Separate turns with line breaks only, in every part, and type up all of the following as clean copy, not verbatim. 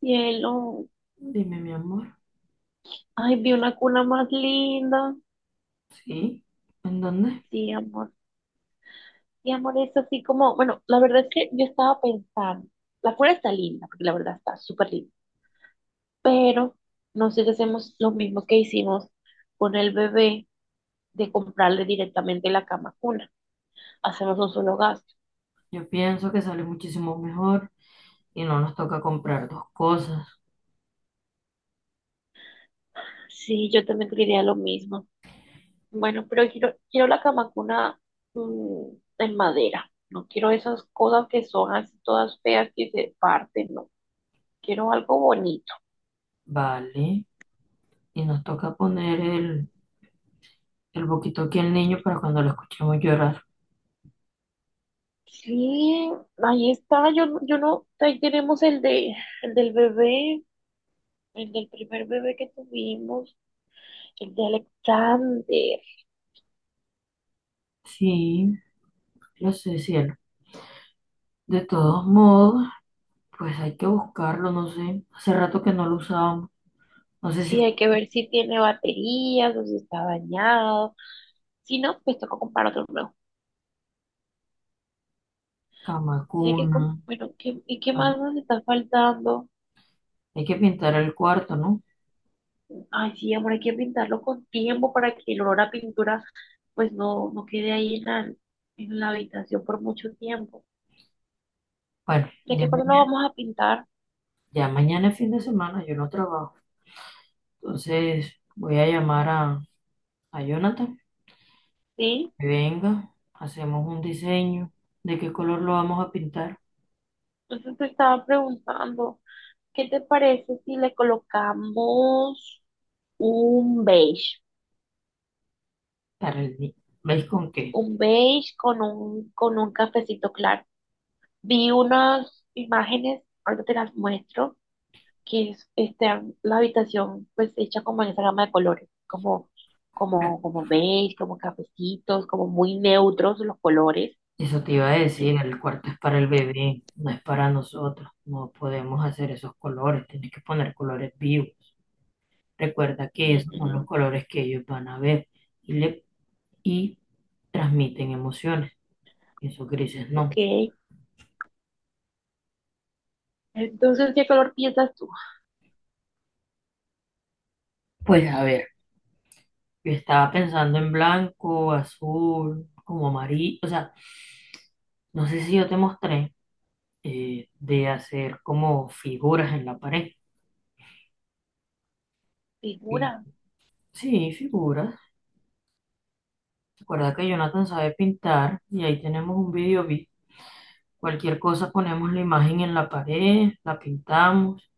Cielo,
Dime, mi amor.
ay, vi una cuna más linda.
¿Sí? ¿En dónde?
Sí, amor. Sí, amor, es así como, bueno, la verdad es que yo estaba pensando, la cuna está linda, porque la verdad está súper linda, pero no sé si hacemos lo mismo que hicimos con el bebé de comprarle directamente la cama cuna. Hacemos un solo gasto.
Yo pienso que sale muchísimo mejor y no nos toca comprar dos cosas,
Sí, yo también quería lo mismo. Bueno, pero quiero la cama cuna mm, en madera. No quiero esas cosas que son así todas feas que se parten, no. Quiero algo bonito.
¿vale? Y nos toca poner el boquito aquí al niño para cuando lo escuchemos llorar.
Sí, ahí está, yo, yo no, ahí tenemos el de, el del bebé, el del primer bebé que tuvimos, el de Alexander.
Sí, lo sé, cielo. De todos modos, pues hay que buscarlo, no sé. Hace rato que no lo usábamos. No sé si
Sí,
fue
hay que ver si tiene baterías o si está dañado. Si no, pues toca comprar otro nuevo.
cama,
Sí, hay que,
cuna.
bueno, ¿ y qué
ah,
más nos está faltando?
Hay que pintar el cuarto, ¿no?
Ay, sí, amor, hay que pintarlo con tiempo para que el olor a pintura, pues no, no quede ahí en la habitación por mucho tiempo.
Bueno,
¿De qué color lo vamos a pintar?
ya mañana es fin de semana, yo no trabajo. Entonces voy a llamar a Jonathan,
¿Sí?
que venga, hacemos un diseño de qué color lo vamos a pintar
Entonces te estaba preguntando, ¿qué te parece si le colocamos un beige?
para el niño. ¿Veis con qué?
Un beige con un cafecito claro. Vi unas imágenes, ahorita te las muestro, que es este, la habitación pues hecha como en esa gama de colores, como, como, como beige, como cafecitos, como muy neutros los colores.
Eso te iba a decir, el cuarto es para el bebé, no es para nosotros. No podemos hacer esos colores, tienes que poner colores vivos. Recuerda que esos son
Ujú.
los colores que ellos van a ver y, le, y transmiten emociones. Esos grises
Ok.
no.
Entonces, ¿qué color piensas tú?
Pues a ver, yo estaba pensando en blanco, azul, como amarillo. O sea, no sé si yo te mostré. De hacer como figuras en la pared. Y,
Figura.
sí, figuras. Recuerda que Jonathan sabe pintar y ahí tenemos un cualquier cosa ponemos la imagen en la pared, la pintamos.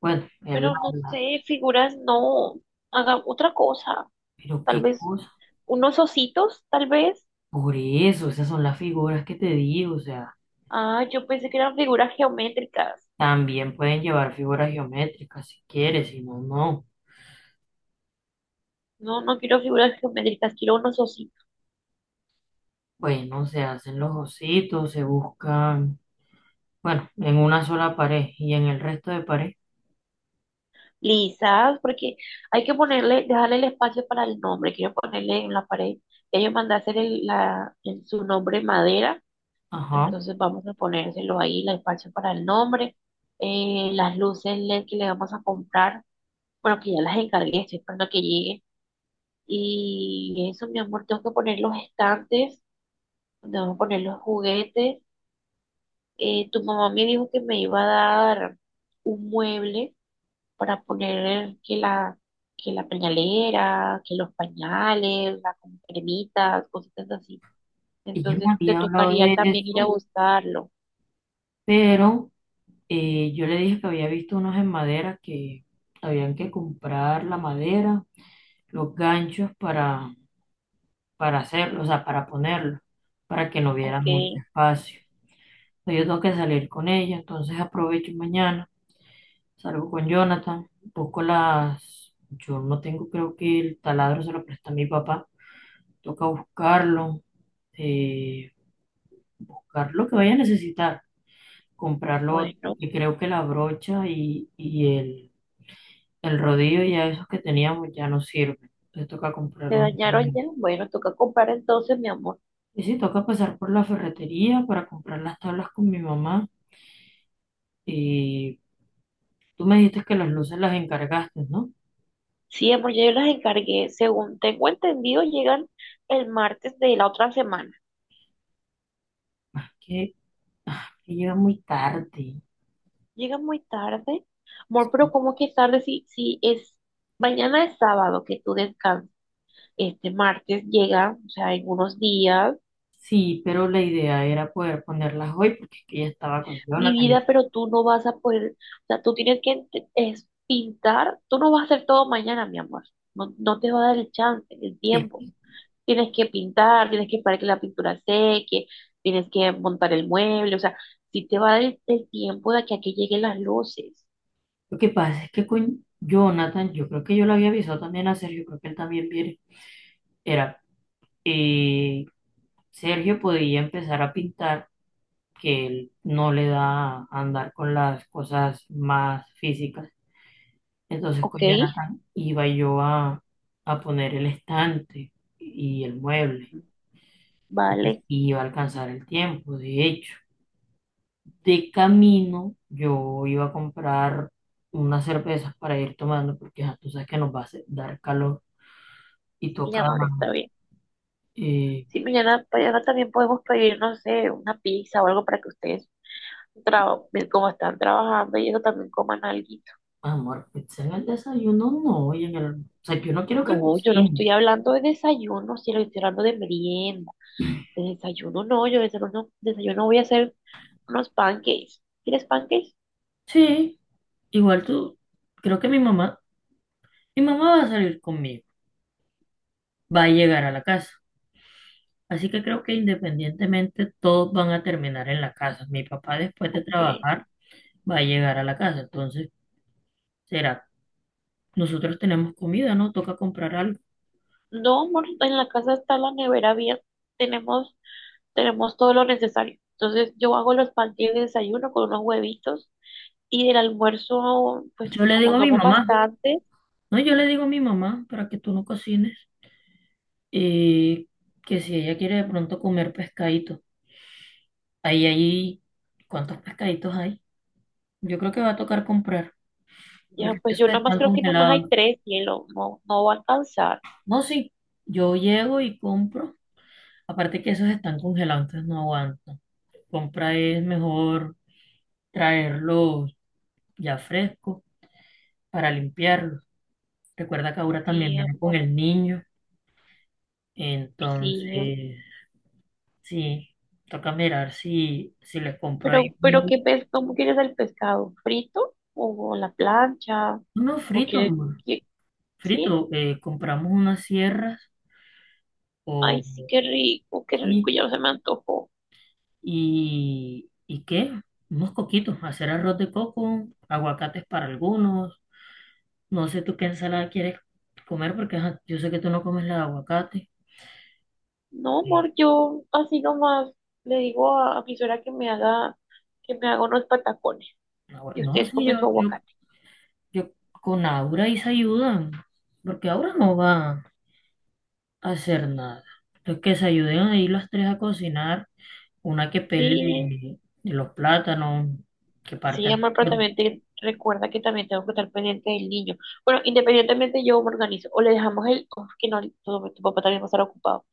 Bueno,
Pero no
la-
sé, figuras no. Haga otra cosa.
pero
Tal
qué
vez
cosa.
unos ositos, tal vez.
Por eso, esas son las figuras que te digo. O sea,
Ah, yo pensé que eran figuras geométricas.
también pueden llevar figuras geométricas si quieres, si no, no.
No, no quiero figuras geométricas, quiero unos ositos
Bueno, se hacen los ositos, se buscan, bueno, en una sola pared y en el resto de pared.
lisas, porque hay que ponerle, dejarle el espacio para el nombre. Quiero ponerle en la pared. Ya yo mandé a hacer la, en su nombre madera,
Ajá.
entonces vamos a ponérselo ahí, el espacio para el nombre. Las luces LED que le vamos a comprar, bueno, que ya las encargué, estoy esperando que lleguen. Y eso, mi amor, tengo que poner los estantes, tengo que poner los juguetes. Tu mamá me dijo que me iba a dar un mueble para poner que la pañalera, que los pañales, las cremitas, cositas así.
Ella me
Entonces te
había hablado
tocaría
de
también ir a
eso,
buscarlo.
pero yo le dije que había visto unos en madera que habían que comprar la madera, los ganchos para hacerlo, o sea, para ponerlo, para que no hubiera
Ok,
mucho espacio. Entonces, yo tengo que salir con ella, entonces aprovecho mañana, salgo con Jonathan, busco las... Yo no tengo, creo que el taladro se lo presta a mi papá, toca buscarlo, eh, buscar lo que vaya a necesitar, comprar lo otro,
bueno,
porque creo que la brocha y el rodillo, ya esos que teníamos ya no sirven. Entonces toca
¿se
comprar uno
dañaron
nuevo.
ya? Bueno, toca comprar entonces, mi amor.
Y sí, toca pasar por la ferretería para comprar las tablas con mi mamá. Y tú me dijiste que las luces las encargaste, ¿no?
Sí, amor, ya yo las encargué. Según tengo entendido, llegan el martes de la otra semana.
Ah, que, ah, que llega muy tarde.
Llega muy tarde. Amor, pero
Sí.
¿cómo que tarde? Si, si es mañana es sábado que tú descansas. Este martes llega, o sea, en unos días,
Sí, pero la idea era poder ponerlas hoy porque es que ella estaba con
mi
Jonathan.
vida, pero tú no vas a poder, o sea, tú tienes que es pintar, tú no vas a hacer todo mañana, mi amor, no, no te va a dar el chance, el tiempo,
Es-
tienes que pintar, tienes que esperar que la pintura seque, tienes que montar el mueble, o sea, sí te va a dar el tiempo de que aquí lleguen las luces,
lo que pasa es que con Jonathan, yo creo que yo le había avisado también a Sergio, creo que él también viene. Era eh, Sergio podía empezar a pintar, que él no le da andar con las cosas más físicas. Entonces
¿ok?
con Jonathan iba yo a poner el estante y el mueble. Entonces
Vale,
iba a alcanzar el tiempo, de hecho. De camino yo iba a comprar unas cervezas para ir tomando, porque ya tú sabes que nos va a dar calor y
mi
toca
amor, está bien.
eh,
Si mañana, mañana también podemos pedir, no sé, una pizza o algo para que ustedes, tra- como están trabajando y eso, también coman algo.
amor, pizza en el desayuno no, y en el, o sea, yo no quiero que
No, yo no estoy
cocines.
hablando de desayuno, sino estoy hablando de merienda. De desayuno no, yo de desayuno, desayuno voy a hacer unos pancakes. ¿Quieres pancakes?
Sí, igual tú, creo que mi mamá va a salir conmigo, va a llegar a la casa. Así que creo que independientemente todos van a terminar en la casa. Mi papá después de
Ok.
trabajar va a llegar a la casa. Entonces, será, nosotros tenemos comida, ¿no? Toca comprar algo.
No, amor, en la casa está la nevera bien. Tenemos, tenemos todo lo necesario. Entonces yo hago los pancakes de desayuno con unos huevitos y del almuerzo, pues
Yo le digo
como
a mi
somos
mamá,
bastantes.
no, yo le digo a mi mamá para que tú no cocines y que si ella quiere de pronto comer pescadito, ahí, ahí, ¿cuántos pescaditos hay? Yo creo que va a tocar comprar,
Ya,
porque
pues
eso
yo nada más
están
creo que nada más hay
congelados.
tres, cielo, no, no va a alcanzar.
No, sí, yo llego y compro. Aparte que esos están congelados, entonces no aguanto. Compra es mejor traerlos ya frescos para limpiarlos. Recuerda que ahora también
Sí,
viene con
amor,
el niño,
sí.
entonces sí, toca mirar si, si les compro ahí
Pero
uno,
qué pes, ¿cómo quieres el pescado? ¿Frito? ¿O a la plancha?
uno
¿O
frito,
quieres
amor.
que, sí?
Frito, compramos unas sierras
Ay,
o
sí, qué rico,
sí,
ya se me antojó.
¿y qué? Unos coquitos, hacer arroz de coco, aguacates para algunos. No sé tú qué ensalada quieres comer porque ajá, yo sé que tú no comes la de aguacate.
No, amor, yo así nomás le digo a mi suegra que me haga unos patacones. Y
No,
ustedes
sí,
comen su aguacate.
yo con Aura y se ayudan, porque Aura no va a hacer nada. Entonces que se ayuden ahí las tres a cocinar, una que
Sí.
pele los plátanos, que
Sí,
parte.
amor, pero
Bueno,
también recuerda que también tengo que estar pendiente del niño. Bueno, independientemente yo me organizo. O le dejamos el, o es que no, tu papá también va a estar ocupado.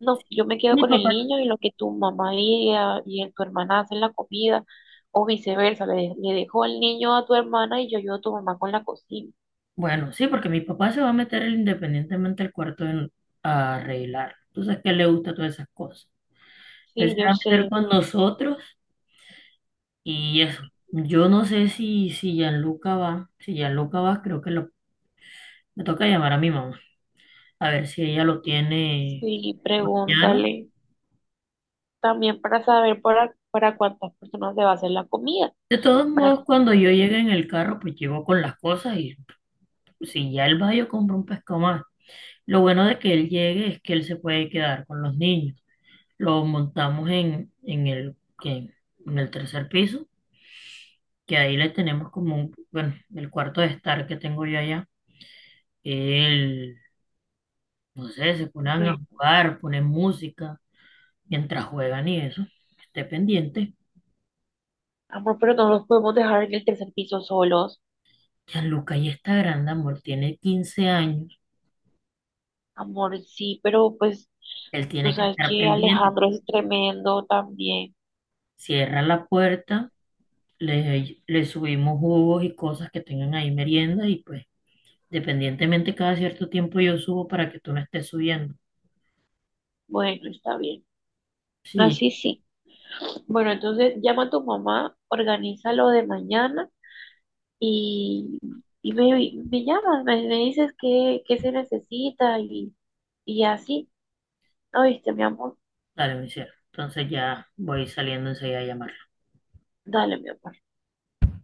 No, yo me quedo
mi
con el
papá,
niño y lo que tu mamá y, y tu hermana hacen la comida, o viceversa, le, le dejo al niño a tu hermana y yo ayudo a tu mamá con la cocina.
bueno, sí, porque mi papá se va a meter él independientemente al cuarto a arreglar. Entonces, que le gusta todas esas cosas. Él
Sí,
se
yo
va a meter
sé.
con nosotros. Y eso, yo no sé si Gianluca va, si Gianluca va, creo que lo, me toca llamar a mi mamá, a ver si ella lo tiene
Sí,
mañana.
pregúntale también para saber para cuántas personas se va a hacer la comida,
De todos
para
modos,
que
cuando
todos,
yo llegue en el carro, pues llego con las cosas y si ya él va, yo compro un pescado más. Lo bueno de que él llegue es que él se puede quedar con los niños. Lo montamos en en el tercer piso, que ahí le tenemos como un, bueno, el cuarto de estar que tengo yo allá. Él no sé, se ponen a
bueno,
jugar, ponen música mientras juegan y eso. Esté pendiente.
amor, pero no los podemos dejar en el tercer piso solos.
Gianluca ya está grande, amor, tiene 15 años.
Amor, sí, pero pues
Él
tú
tiene que
sabes
estar
que
pendiente.
Alejandro es tremendo también.
Cierra la puerta, le subimos jugos y cosas que tengan ahí merienda y pues, dependientemente cada cierto tiempo yo subo para que tú no estés subiendo.
Bueno, está bien.
Sí,
Así sí. Bueno, entonces llama a tu mamá, organiza lo de mañana y, y me llamas, me dices qué, qué se necesita y así. ¿Oíste, mi amor?
dale, mi cielo. Entonces ya voy saliendo enseguida a llamar.
Dale, mi amor.